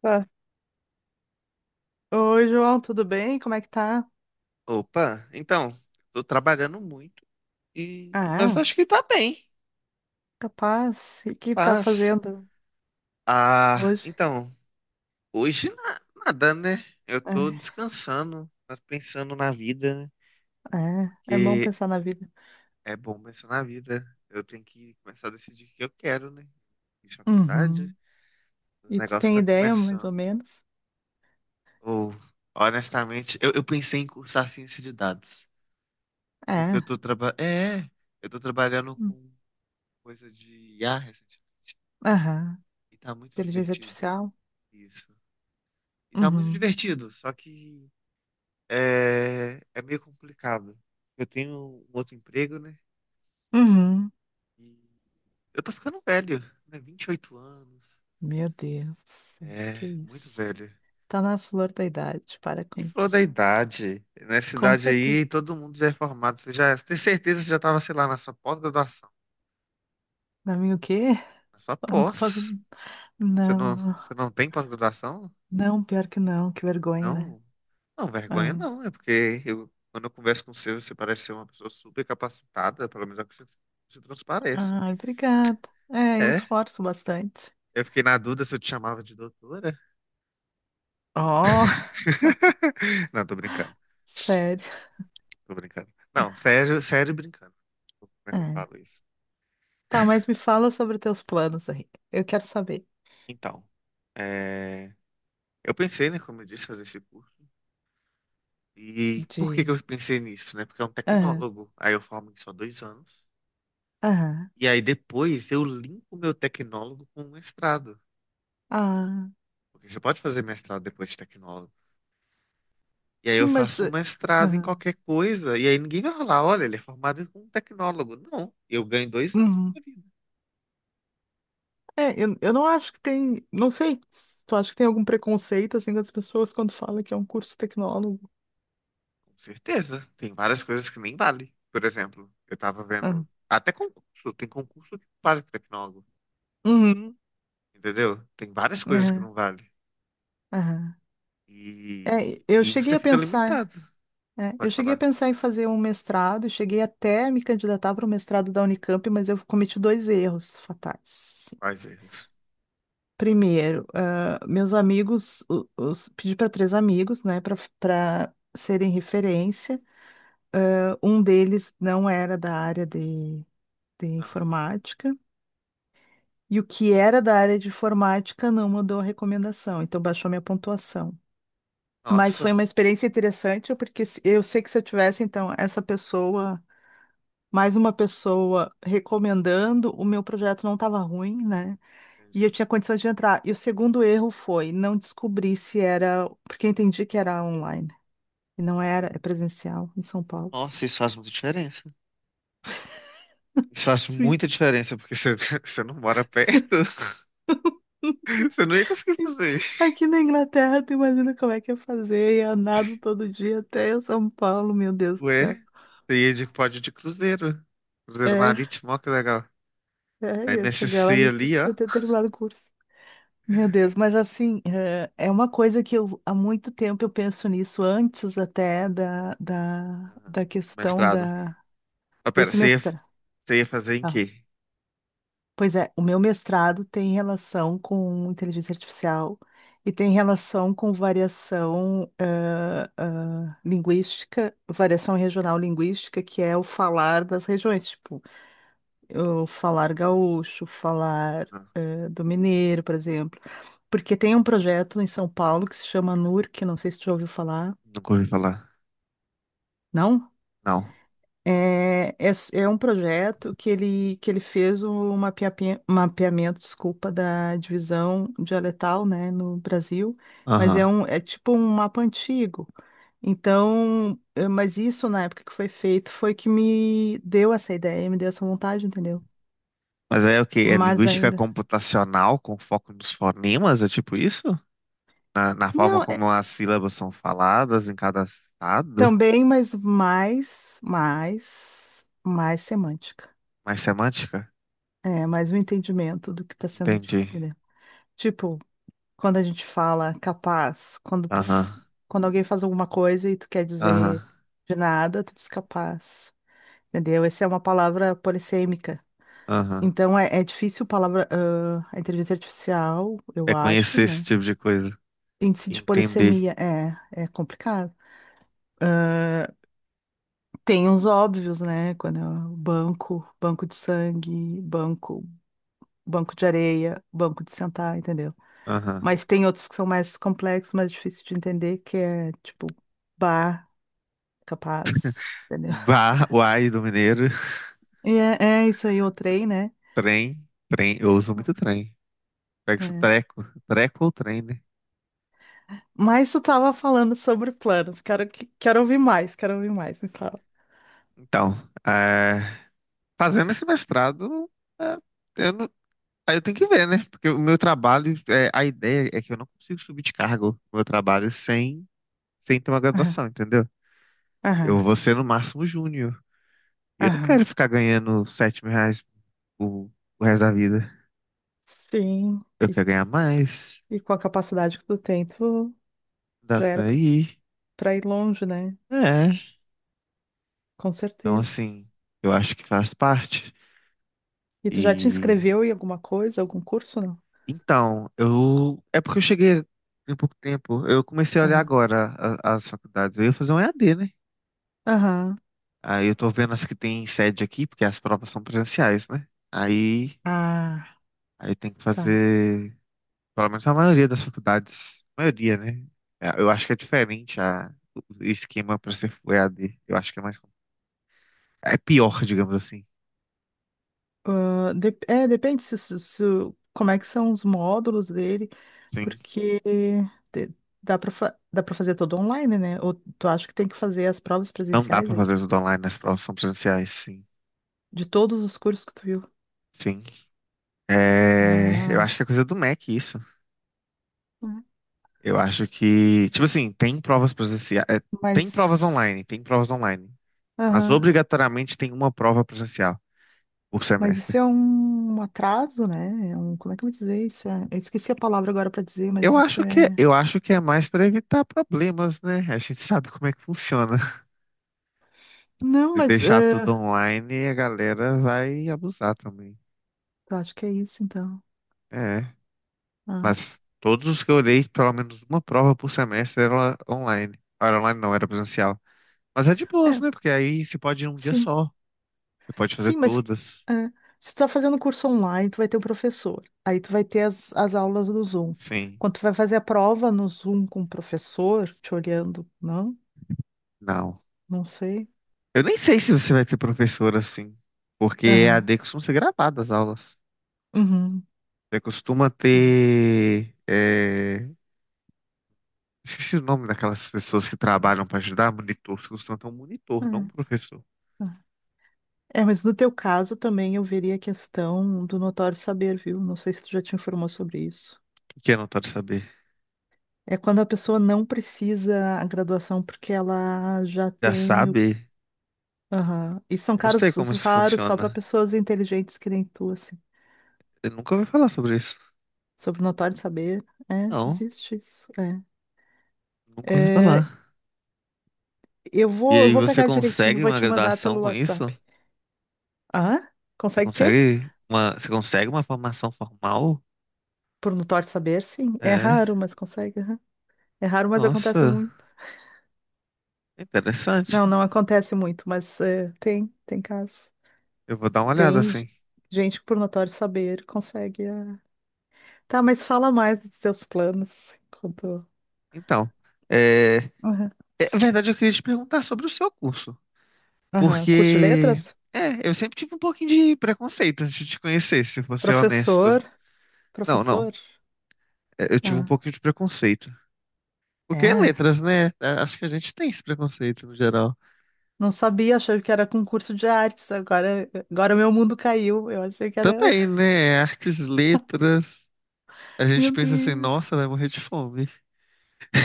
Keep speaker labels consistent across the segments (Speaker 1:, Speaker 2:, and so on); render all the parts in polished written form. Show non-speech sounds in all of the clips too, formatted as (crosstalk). Speaker 1: Tá. Oi, João, tudo bem? Como é que tá?
Speaker 2: Opa, então, tô trabalhando muito mas
Speaker 1: Ah,
Speaker 2: acho que tá bem.
Speaker 1: capaz. E o que tá
Speaker 2: Paz.
Speaker 1: fazendo
Speaker 2: Ah,
Speaker 1: hoje?
Speaker 2: então, hoje nada, né? Eu tô
Speaker 1: É,
Speaker 2: descansando, mas pensando na vida, né?
Speaker 1: é bom
Speaker 2: Porque
Speaker 1: pensar na vida.
Speaker 2: é bom pensar na vida. Eu tenho que começar a decidir o que eu quero, né? Fiz faculdade,
Speaker 1: Uhum.
Speaker 2: o
Speaker 1: E tu
Speaker 2: negócio
Speaker 1: tem
Speaker 2: tá
Speaker 1: ideia, mais ou
Speaker 2: começando.
Speaker 1: menos?
Speaker 2: Ou, honestamente, eu pensei em cursar ciência de dados, porque
Speaker 1: É.
Speaker 2: eu tô trabalhando
Speaker 1: Hum.
Speaker 2: com coisa de IA recentemente,
Speaker 1: Aham.
Speaker 2: e tá muito
Speaker 1: Inteligência
Speaker 2: divertido.
Speaker 1: artificial?
Speaker 2: Isso. E tá muito
Speaker 1: Uhum.
Speaker 2: divertido, só que meio complicado. Eu tenho um outro emprego, né?
Speaker 1: Uhum.
Speaker 2: E eu tô ficando velho, né? 28 anos.
Speaker 1: Meu Deus do céu, que
Speaker 2: É, muito
Speaker 1: isso?
Speaker 2: velho.
Speaker 1: Tá na flor da idade, para
Speaker 2: Quem
Speaker 1: com
Speaker 2: falou da
Speaker 1: isso.
Speaker 2: idade? Nessa
Speaker 1: Com
Speaker 2: idade aí,
Speaker 1: certeza.
Speaker 2: todo mundo já é formado. Você já tem certeza que você já tava, sei lá, na sua pós-graduação.
Speaker 1: Pra mim, o quê?
Speaker 2: Na sua pós.
Speaker 1: (laughs) Não, não.
Speaker 2: Você não tem pós-graduação?
Speaker 1: Não, pior que não, que vergonha, né?
Speaker 2: Não, não, vergonha
Speaker 1: Ah.
Speaker 2: não, é porque quando eu converso com você, você parece ser uma pessoa super capacitada, pelo menos é o que você transparece.
Speaker 1: Ai, obrigada. É, eu me
Speaker 2: É,
Speaker 1: esforço bastante.
Speaker 2: eu fiquei na dúvida se eu te chamava de doutora.
Speaker 1: Oh, (laughs)
Speaker 2: (laughs) Não, tô brincando,
Speaker 1: sério.
Speaker 2: tô brincando. Não, sério, sério brincando. Como é que eu
Speaker 1: É.
Speaker 2: falo isso?
Speaker 1: Tá, mas me fala sobre teus planos aí. Eu quero saber
Speaker 2: Então, é, eu pensei, né, como eu disse, fazer esse curso. E por que que
Speaker 1: de.
Speaker 2: eu pensei nisso, né? Porque é um
Speaker 1: Aham,
Speaker 2: tecnólogo, aí eu formo em só 2 anos.
Speaker 1: aham.
Speaker 2: E aí depois eu linko meu tecnólogo com o mestrado.
Speaker 1: Ah,
Speaker 2: Porque você pode fazer mestrado depois de tecnólogo. E aí eu
Speaker 1: sim,
Speaker 2: faço um mestrado em
Speaker 1: Aham.
Speaker 2: qualquer coisa, e aí ninguém vai falar, olha, ele é formado como um tecnólogo. Não, eu ganho 2 anos da
Speaker 1: Uhum.
Speaker 2: minha vida.
Speaker 1: É, eu não acho que tem. Não sei. Tu acha que tem algum preconceito assim das pessoas quando fala que é um curso tecnólogo?
Speaker 2: Com certeza. Tem várias coisas que nem vale. Por exemplo, eu tava vendo.
Speaker 1: Aham.
Speaker 2: Até concurso, tem concurso que não vale para tecnólogo.
Speaker 1: Uhum.
Speaker 2: Entendeu? Tem várias coisas que
Speaker 1: Aham.
Speaker 2: não vale.
Speaker 1: Aham.
Speaker 2: E,
Speaker 1: É, eu
Speaker 2: e
Speaker 1: cheguei
Speaker 2: você
Speaker 1: a
Speaker 2: fica
Speaker 1: pensar.
Speaker 2: limitado.
Speaker 1: É, eu
Speaker 2: Pode
Speaker 1: cheguei a
Speaker 2: falar.
Speaker 1: pensar em fazer um mestrado, cheguei até a me candidatar para o mestrado da Unicamp, mas eu cometi dois erros fatais. Assim.
Speaker 2: Quais erros?
Speaker 1: Primeiro, ah, meus amigos, pedi para três amigos, né, para serem referência. Ah, um deles não era da área de
Speaker 2: Aham.
Speaker 1: informática, e o que era da área de informática não mandou a recomendação, então baixou minha pontuação. Mas
Speaker 2: Nossa,
Speaker 1: foi uma experiência interessante, porque eu sei que se eu tivesse, então, essa pessoa. Mais uma pessoa recomendando, o meu projeto não estava ruim, né? E
Speaker 2: entendi.
Speaker 1: eu tinha condições de entrar. E o segundo erro foi não descobrir se era, porque eu entendi que era online e não era, é presencial em São Paulo.
Speaker 2: Nossa, isso faz muita diferença. Isso faz
Speaker 1: Sim.
Speaker 2: muita diferença, porque você, (laughs) você não mora perto. Você não ia
Speaker 1: (laughs)
Speaker 2: conseguir
Speaker 1: Sim,
Speaker 2: fazer isso.
Speaker 1: aqui na Inglaterra, tu imagina como é que é fazer, ia nado todo dia até São Paulo, meu Deus do
Speaker 2: Ué,
Speaker 1: céu.
Speaker 2: pode de cruzeiro. Cruzeiro
Speaker 1: É,
Speaker 2: marítimo, ó, que legal. A
Speaker 1: ia chegar lá,
Speaker 2: MSC ali, ó.
Speaker 1: eu ter terminado o curso. Meu Deus, mas assim, é uma coisa que eu há muito tempo eu penso nisso, antes até da, da,
Speaker 2: Aham.
Speaker 1: da questão
Speaker 2: Mestrado. Ah, pera,
Speaker 1: desse
Speaker 2: você ia,
Speaker 1: mestrado.
Speaker 2: você ia fazer em quê?
Speaker 1: Pois é, o meu mestrado tem relação com inteligência artificial e tem relação com variação linguística, variação regional linguística, que é o falar das regiões, tipo. O falar gaúcho, falar
Speaker 2: Ah,
Speaker 1: do mineiro, por exemplo. Porque tem um projeto em São Paulo que se chama NUR, que não sei se tu já ouviu falar,
Speaker 2: nunca ouvi falar.
Speaker 1: não?
Speaker 2: Não.
Speaker 1: É um projeto que ele fez o mapeamento, desculpa, da divisão dialetal, né, no Brasil, mas
Speaker 2: Aham.
Speaker 1: é tipo um mapa antigo. Então, mas isso na época que foi feito foi que me deu essa ideia, me deu essa vontade, entendeu?
Speaker 2: Mas aí é o quê? É
Speaker 1: Mas
Speaker 2: linguística
Speaker 1: ainda.
Speaker 2: computacional com foco nos fonemas? É tipo isso? Na forma
Speaker 1: Não,
Speaker 2: como as sílabas são faladas em cada estado?
Speaker 1: também, mas mais semântica.
Speaker 2: Mais semântica?
Speaker 1: É, mais um entendimento do que está sendo dito,
Speaker 2: Entendi.
Speaker 1: né? Tipo, quando a gente fala capaz, quando
Speaker 2: Aham.
Speaker 1: quando alguém faz alguma coisa e tu quer
Speaker 2: Aham.
Speaker 1: dizer de nada, tu diz capaz. Entendeu? Essa é uma palavra polissêmica.
Speaker 2: Aham.
Speaker 1: Então é difícil palavra, ah, a inteligência artificial, eu
Speaker 2: É
Speaker 1: acho,
Speaker 2: conhecer esse
Speaker 1: né?
Speaker 2: tipo de coisa.
Speaker 1: Índice de
Speaker 2: Entender.
Speaker 1: polissemia é complicado. Tem uns óbvios, né? Quando é o banco, banco de sangue, banco, banco de areia, banco de sentar, entendeu?
Speaker 2: Aham.
Speaker 1: Mas tem outros que são mais complexos, mais difíceis de entender, que é tipo bar, capaz, entendeu?
Speaker 2: Bar, uai do Mineiro, (laughs)
Speaker 1: E é, é isso aí, o trem, né?
Speaker 2: trem, trem, eu uso muito trem. Pega esse
Speaker 1: É.
Speaker 2: treco, treco ou trem, né?
Speaker 1: Mas tu tava falando sobre planos. Quero, quero ouvir mais, me fala.
Speaker 2: Então, é, fazendo esse mestrado, é, eu não- aí eu tenho que ver, né? Porque o meu trabalho, a ideia é que eu não consigo subir de cargo no meu trabalho sem ter uma
Speaker 1: Aham,
Speaker 2: graduação, entendeu? Eu
Speaker 1: aham,
Speaker 2: vou ser no máximo júnior. E eu não quero
Speaker 1: aham.
Speaker 2: ficar ganhando R$ 7.000 o, o resto da vida.
Speaker 1: Sim,
Speaker 2: Eu
Speaker 1: e,
Speaker 2: quero ganhar mais,
Speaker 1: e com a capacidade que tu tem, tu
Speaker 2: dá
Speaker 1: já era
Speaker 2: pra ir.
Speaker 1: pra ir longe, né?
Speaker 2: É.
Speaker 1: Com
Speaker 2: Então,
Speaker 1: certeza.
Speaker 2: assim, eu acho que faz parte.
Speaker 1: E tu já te
Speaker 2: E
Speaker 1: inscreveu em alguma coisa, algum curso, não?
Speaker 2: então, eu é porque eu cheguei em pouco tempo. Eu comecei a olhar
Speaker 1: Aham.
Speaker 2: agora as faculdades. Eu ia fazer um EAD, né?
Speaker 1: Aham.
Speaker 2: Aí eu tô vendo as que tem sede aqui, porque as provas são presenciais, né? Aí,
Speaker 1: Ah,
Speaker 2: aí tem que
Speaker 1: tá.
Speaker 2: fazer, pelo menos a maioria das faculdades, maioria, né? É, eu acho que é diferente o esquema para ser EAD. Eu acho que é pior, digamos assim.
Speaker 1: Ah, depende se como é que são os módulos dele,
Speaker 2: Sim,
Speaker 1: porque te- dá para dá para fazer todo online, né? Ou tu acha que tem que fazer as provas
Speaker 2: não dá
Speaker 1: presenciais
Speaker 2: para
Speaker 1: aí?
Speaker 2: fazer tudo online, as provas são presenciais, sim.
Speaker 1: De todos os cursos que tu viu.
Speaker 2: Sim. É, eu
Speaker 1: Ah,
Speaker 2: acho que é coisa do Mac isso.
Speaker 1: hum.
Speaker 2: Eu acho que, tipo assim, tem provas presenciais, tem provas
Speaker 1: Mas.
Speaker 2: online, tem provas online, mas
Speaker 1: Aham.
Speaker 2: obrigatoriamente tem uma prova presencial por
Speaker 1: Mas isso
Speaker 2: semestre.
Speaker 1: é um atraso, né? Como é que eu vou dizer isso? Eu esqueci a palavra agora para dizer, mas
Speaker 2: Eu
Speaker 1: isso
Speaker 2: acho que,
Speaker 1: é.
Speaker 2: eu acho que é mais para evitar problemas, né? A gente sabe como é que funciona. (laughs)
Speaker 1: Não,
Speaker 2: Se deixar tudo online, a galera vai abusar também.
Speaker 1: eu acho que é isso, então.
Speaker 2: É,
Speaker 1: Ah,
Speaker 2: mas todos os que eu olhei, pelo menos uma prova por semestre era online. Era online não, era presencial. Mas é de boas,
Speaker 1: é,
Speaker 2: né? Porque aí você pode ir um dia
Speaker 1: sim.
Speaker 2: só. Você pode fazer
Speaker 1: Sim, mas
Speaker 2: todas.
Speaker 1: é, se tu tá fazendo curso online, tu vai ter o professor. Aí tu vai ter as aulas do Zoom.
Speaker 2: Sim.
Speaker 1: Quando tu vai fazer a prova no Zoom com o professor, te olhando, não?
Speaker 2: Não.
Speaker 1: Não sei.
Speaker 2: Eu nem sei se você vai ser professor assim. Porque E a
Speaker 1: Aham.
Speaker 2: EAD costuma ser gravada as aulas.
Speaker 1: Uhum.
Speaker 2: Você costuma
Speaker 1: É,
Speaker 2: ter. É, Esqueci o nome daquelas pessoas que trabalham para ajudar, monitor. Você costuma ter um
Speaker 1: é,
Speaker 2: monitor, não um professor. O
Speaker 1: é. É, mas no teu caso também eu veria a questão do notório saber, viu? Não sei se tu já te informou sobre isso.
Speaker 2: Que que é anotado saber?
Speaker 1: É quando a pessoa não precisa a graduação porque ela já
Speaker 2: Já
Speaker 1: tem o
Speaker 2: sabe?
Speaker 1: aham. E são
Speaker 2: Eu não
Speaker 1: caros
Speaker 2: sei como isso
Speaker 1: raros só para
Speaker 2: funciona.
Speaker 1: pessoas inteligentes que nem tu, assim.
Speaker 2: Eu nunca ouvi falar sobre isso.
Speaker 1: Sobre o notório saber. É,
Speaker 2: Não,
Speaker 1: existe isso.
Speaker 2: nunca
Speaker 1: É.
Speaker 2: ouvi falar.
Speaker 1: É,
Speaker 2: E
Speaker 1: eu
Speaker 2: aí
Speaker 1: vou
Speaker 2: você
Speaker 1: pegar direitinho, e
Speaker 2: consegue
Speaker 1: vou
Speaker 2: uma
Speaker 1: te mandar
Speaker 2: graduação
Speaker 1: pelo
Speaker 2: com isso?
Speaker 1: WhatsApp. Ah,
Speaker 2: Você
Speaker 1: consegue o quê?
Speaker 2: consegue uma, você consegue uma formação formal?
Speaker 1: Por notório saber, sim. É
Speaker 2: É.
Speaker 1: raro, mas consegue, aham. É raro, mas acontece
Speaker 2: Nossa,
Speaker 1: muito.
Speaker 2: interessante.
Speaker 1: Não, não acontece muito, mas tem, tem casos.
Speaker 2: Eu vou dar uma olhada
Speaker 1: Tem
Speaker 2: assim.
Speaker 1: gente que por notório saber consegue, ah. Tá, mas fala mais dos seus planos. Enquanto...
Speaker 2: Então, é,
Speaker 1: Aham.
Speaker 2: na verdade, eu queria te perguntar sobre o seu curso,
Speaker 1: Aham. Curte
Speaker 2: porque
Speaker 1: letras?
Speaker 2: eu sempre tive um pouquinho de preconceito antes de te conhecer, se vou ser honesto.
Speaker 1: Professor.
Speaker 2: Não, não,
Speaker 1: Professor?
Speaker 2: eu tive um
Speaker 1: Ah,
Speaker 2: pouquinho de preconceito. Porque é
Speaker 1: é.
Speaker 2: letras, né? É, acho que a gente tem esse preconceito no geral.
Speaker 1: Não sabia, achei que era concurso de artes. Agora, agora meu mundo caiu. Eu achei que era.
Speaker 2: Também,
Speaker 1: (laughs)
Speaker 2: né? Artes, letras. A gente
Speaker 1: Meu
Speaker 2: pensa assim,
Speaker 1: Deus.
Speaker 2: nossa, vai morrer de fome.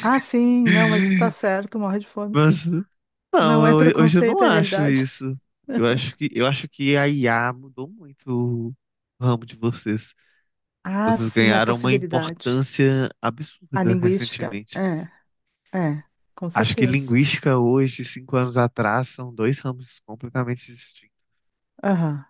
Speaker 1: Ah, sim, não, mas tá
Speaker 2: (laughs)
Speaker 1: certo, morre de fome, sim.
Speaker 2: Mas
Speaker 1: Não é
Speaker 2: não, hoje eu não
Speaker 1: preconceito, é
Speaker 2: acho
Speaker 1: realidade. (laughs)
Speaker 2: isso. Eu acho que a IA mudou muito o ramo de vocês.
Speaker 1: Ah,
Speaker 2: Vocês
Speaker 1: sim, a
Speaker 2: ganharam uma
Speaker 1: possibilidade.
Speaker 2: importância
Speaker 1: A
Speaker 2: absurda
Speaker 1: linguística,
Speaker 2: recentemente.
Speaker 1: é, com
Speaker 2: Acho que
Speaker 1: certeza.
Speaker 2: linguística hoje, 5 anos atrás, são dois ramos completamente distintos.
Speaker 1: Aham.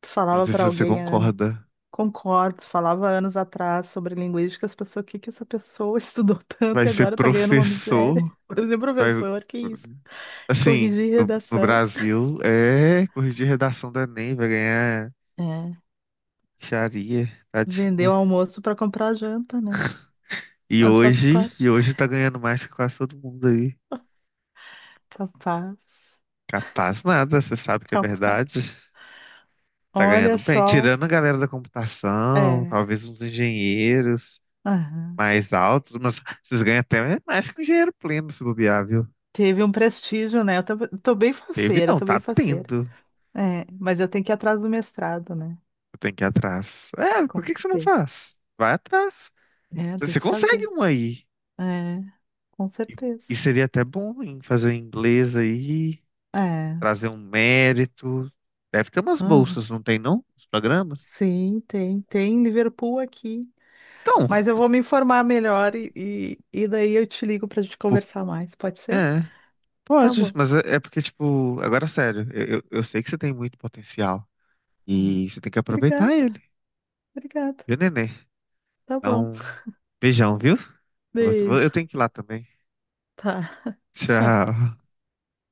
Speaker 1: Tu
Speaker 2: Eu não
Speaker 1: falava
Speaker 2: sei se
Speaker 1: pra
Speaker 2: você
Speaker 1: alguém há anos.
Speaker 2: concorda.
Speaker 1: Concordo, falava anos atrás sobre linguística, as pessoas, o que que essa pessoa (laughs) estudou tanto
Speaker 2: Vai
Speaker 1: e
Speaker 2: ser
Speaker 1: agora tá ganhando uma
Speaker 2: professor,
Speaker 1: miséria? (laughs) Por exemplo,
Speaker 2: vai,
Speaker 1: professor, que isso?
Speaker 2: assim,
Speaker 1: Corrigir
Speaker 2: no
Speaker 1: redação.
Speaker 2: Brasil, é corrigir redação do Enem, vai ganhar
Speaker 1: É,
Speaker 2: charia,
Speaker 1: vender
Speaker 2: tadinha.
Speaker 1: o almoço para comprar a janta, né?
Speaker 2: E
Speaker 1: Mas faço
Speaker 2: hoje, e
Speaker 1: parte.
Speaker 2: hoje tá ganhando mais que quase todo mundo aí.
Speaker 1: Capaz,
Speaker 2: Capaz nada, você sabe que é
Speaker 1: capaz.
Speaker 2: verdade. Tá ganhando
Speaker 1: Olha
Speaker 2: bem,
Speaker 1: só,
Speaker 2: tirando a galera da computação,
Speaker 1: é,
Speaker 2: talvez uns engenheiros
Speaker 1: aham.
Speaker 2: mais altos, mas vocês ganham até mais que um engenheiro pleno se bobear, viu?
Speaker 1: Teve um prestígio, né? Eu tô bem
Speaker 2: Teve
Speaker 1: faceira,
Speaker 2: não,
Speaker 1: tô bem
Speaker 2: tá
Speaker 1: faceira.
Speaker 2: tendo.
Speaker 1: É, mas eu tenho que ir atrás do mestrado, né?
Speaker 2: Eu tenho que ir atrás. É, por
Speaker 1: Com
Speaker 2: que que você não
Speaker 1: certeza.
Speaker 2: faz? Vai atrás.
Speaker 1: É, tem
Speaker 2: Você
Speaker 1: que
Speaker 2: consegue
Speaker 1: fazer.
Speaker 2: um aí.
Speaker 1: É, com
Speaker 2: E,
Speaker 1: certeza.
Speaker 2: e seria até bom em fazer um inglês aí,
Speaker 1: É.
Speaker 2: trazer um mérito. Deve ter umas
Speaker 1: Aham.
Speaker 2: bolsas, não tem não? Os programas?
Speaker 1: Sim, tem, tem Liverpool aqui.
Speaker 2: Então,
Speaker 1: Mas eu vou me informar melhor e daí eu te ligo para a gente
Speaker 2: Por-
Speaker 1: conversar mais, pode ser?
Speaker 2: É,
Speaker 1: Tá
Speaker 2: pode,
Speaker 1: bom.
Speaker 2: mas porque, tipo, agora sério, eu sei que você tem muito potencial
Speaker 1: Hum.
Speaker 2: e você tem que aproveitar
Speaker 1: Obrigada,
Speaker 2: ele,
Speaker 1: obrigada.
Speaker 2: viu, nenê?
Speaker 1: Tá bom.
Speaker 2: Então, beijão, viu? Eu vou-
Speaker 1: Beijo.
Speaker 2: eu tenho que ir lá também.
Speaker 1: Tá. Tchau.
Speaker 2: Tchau.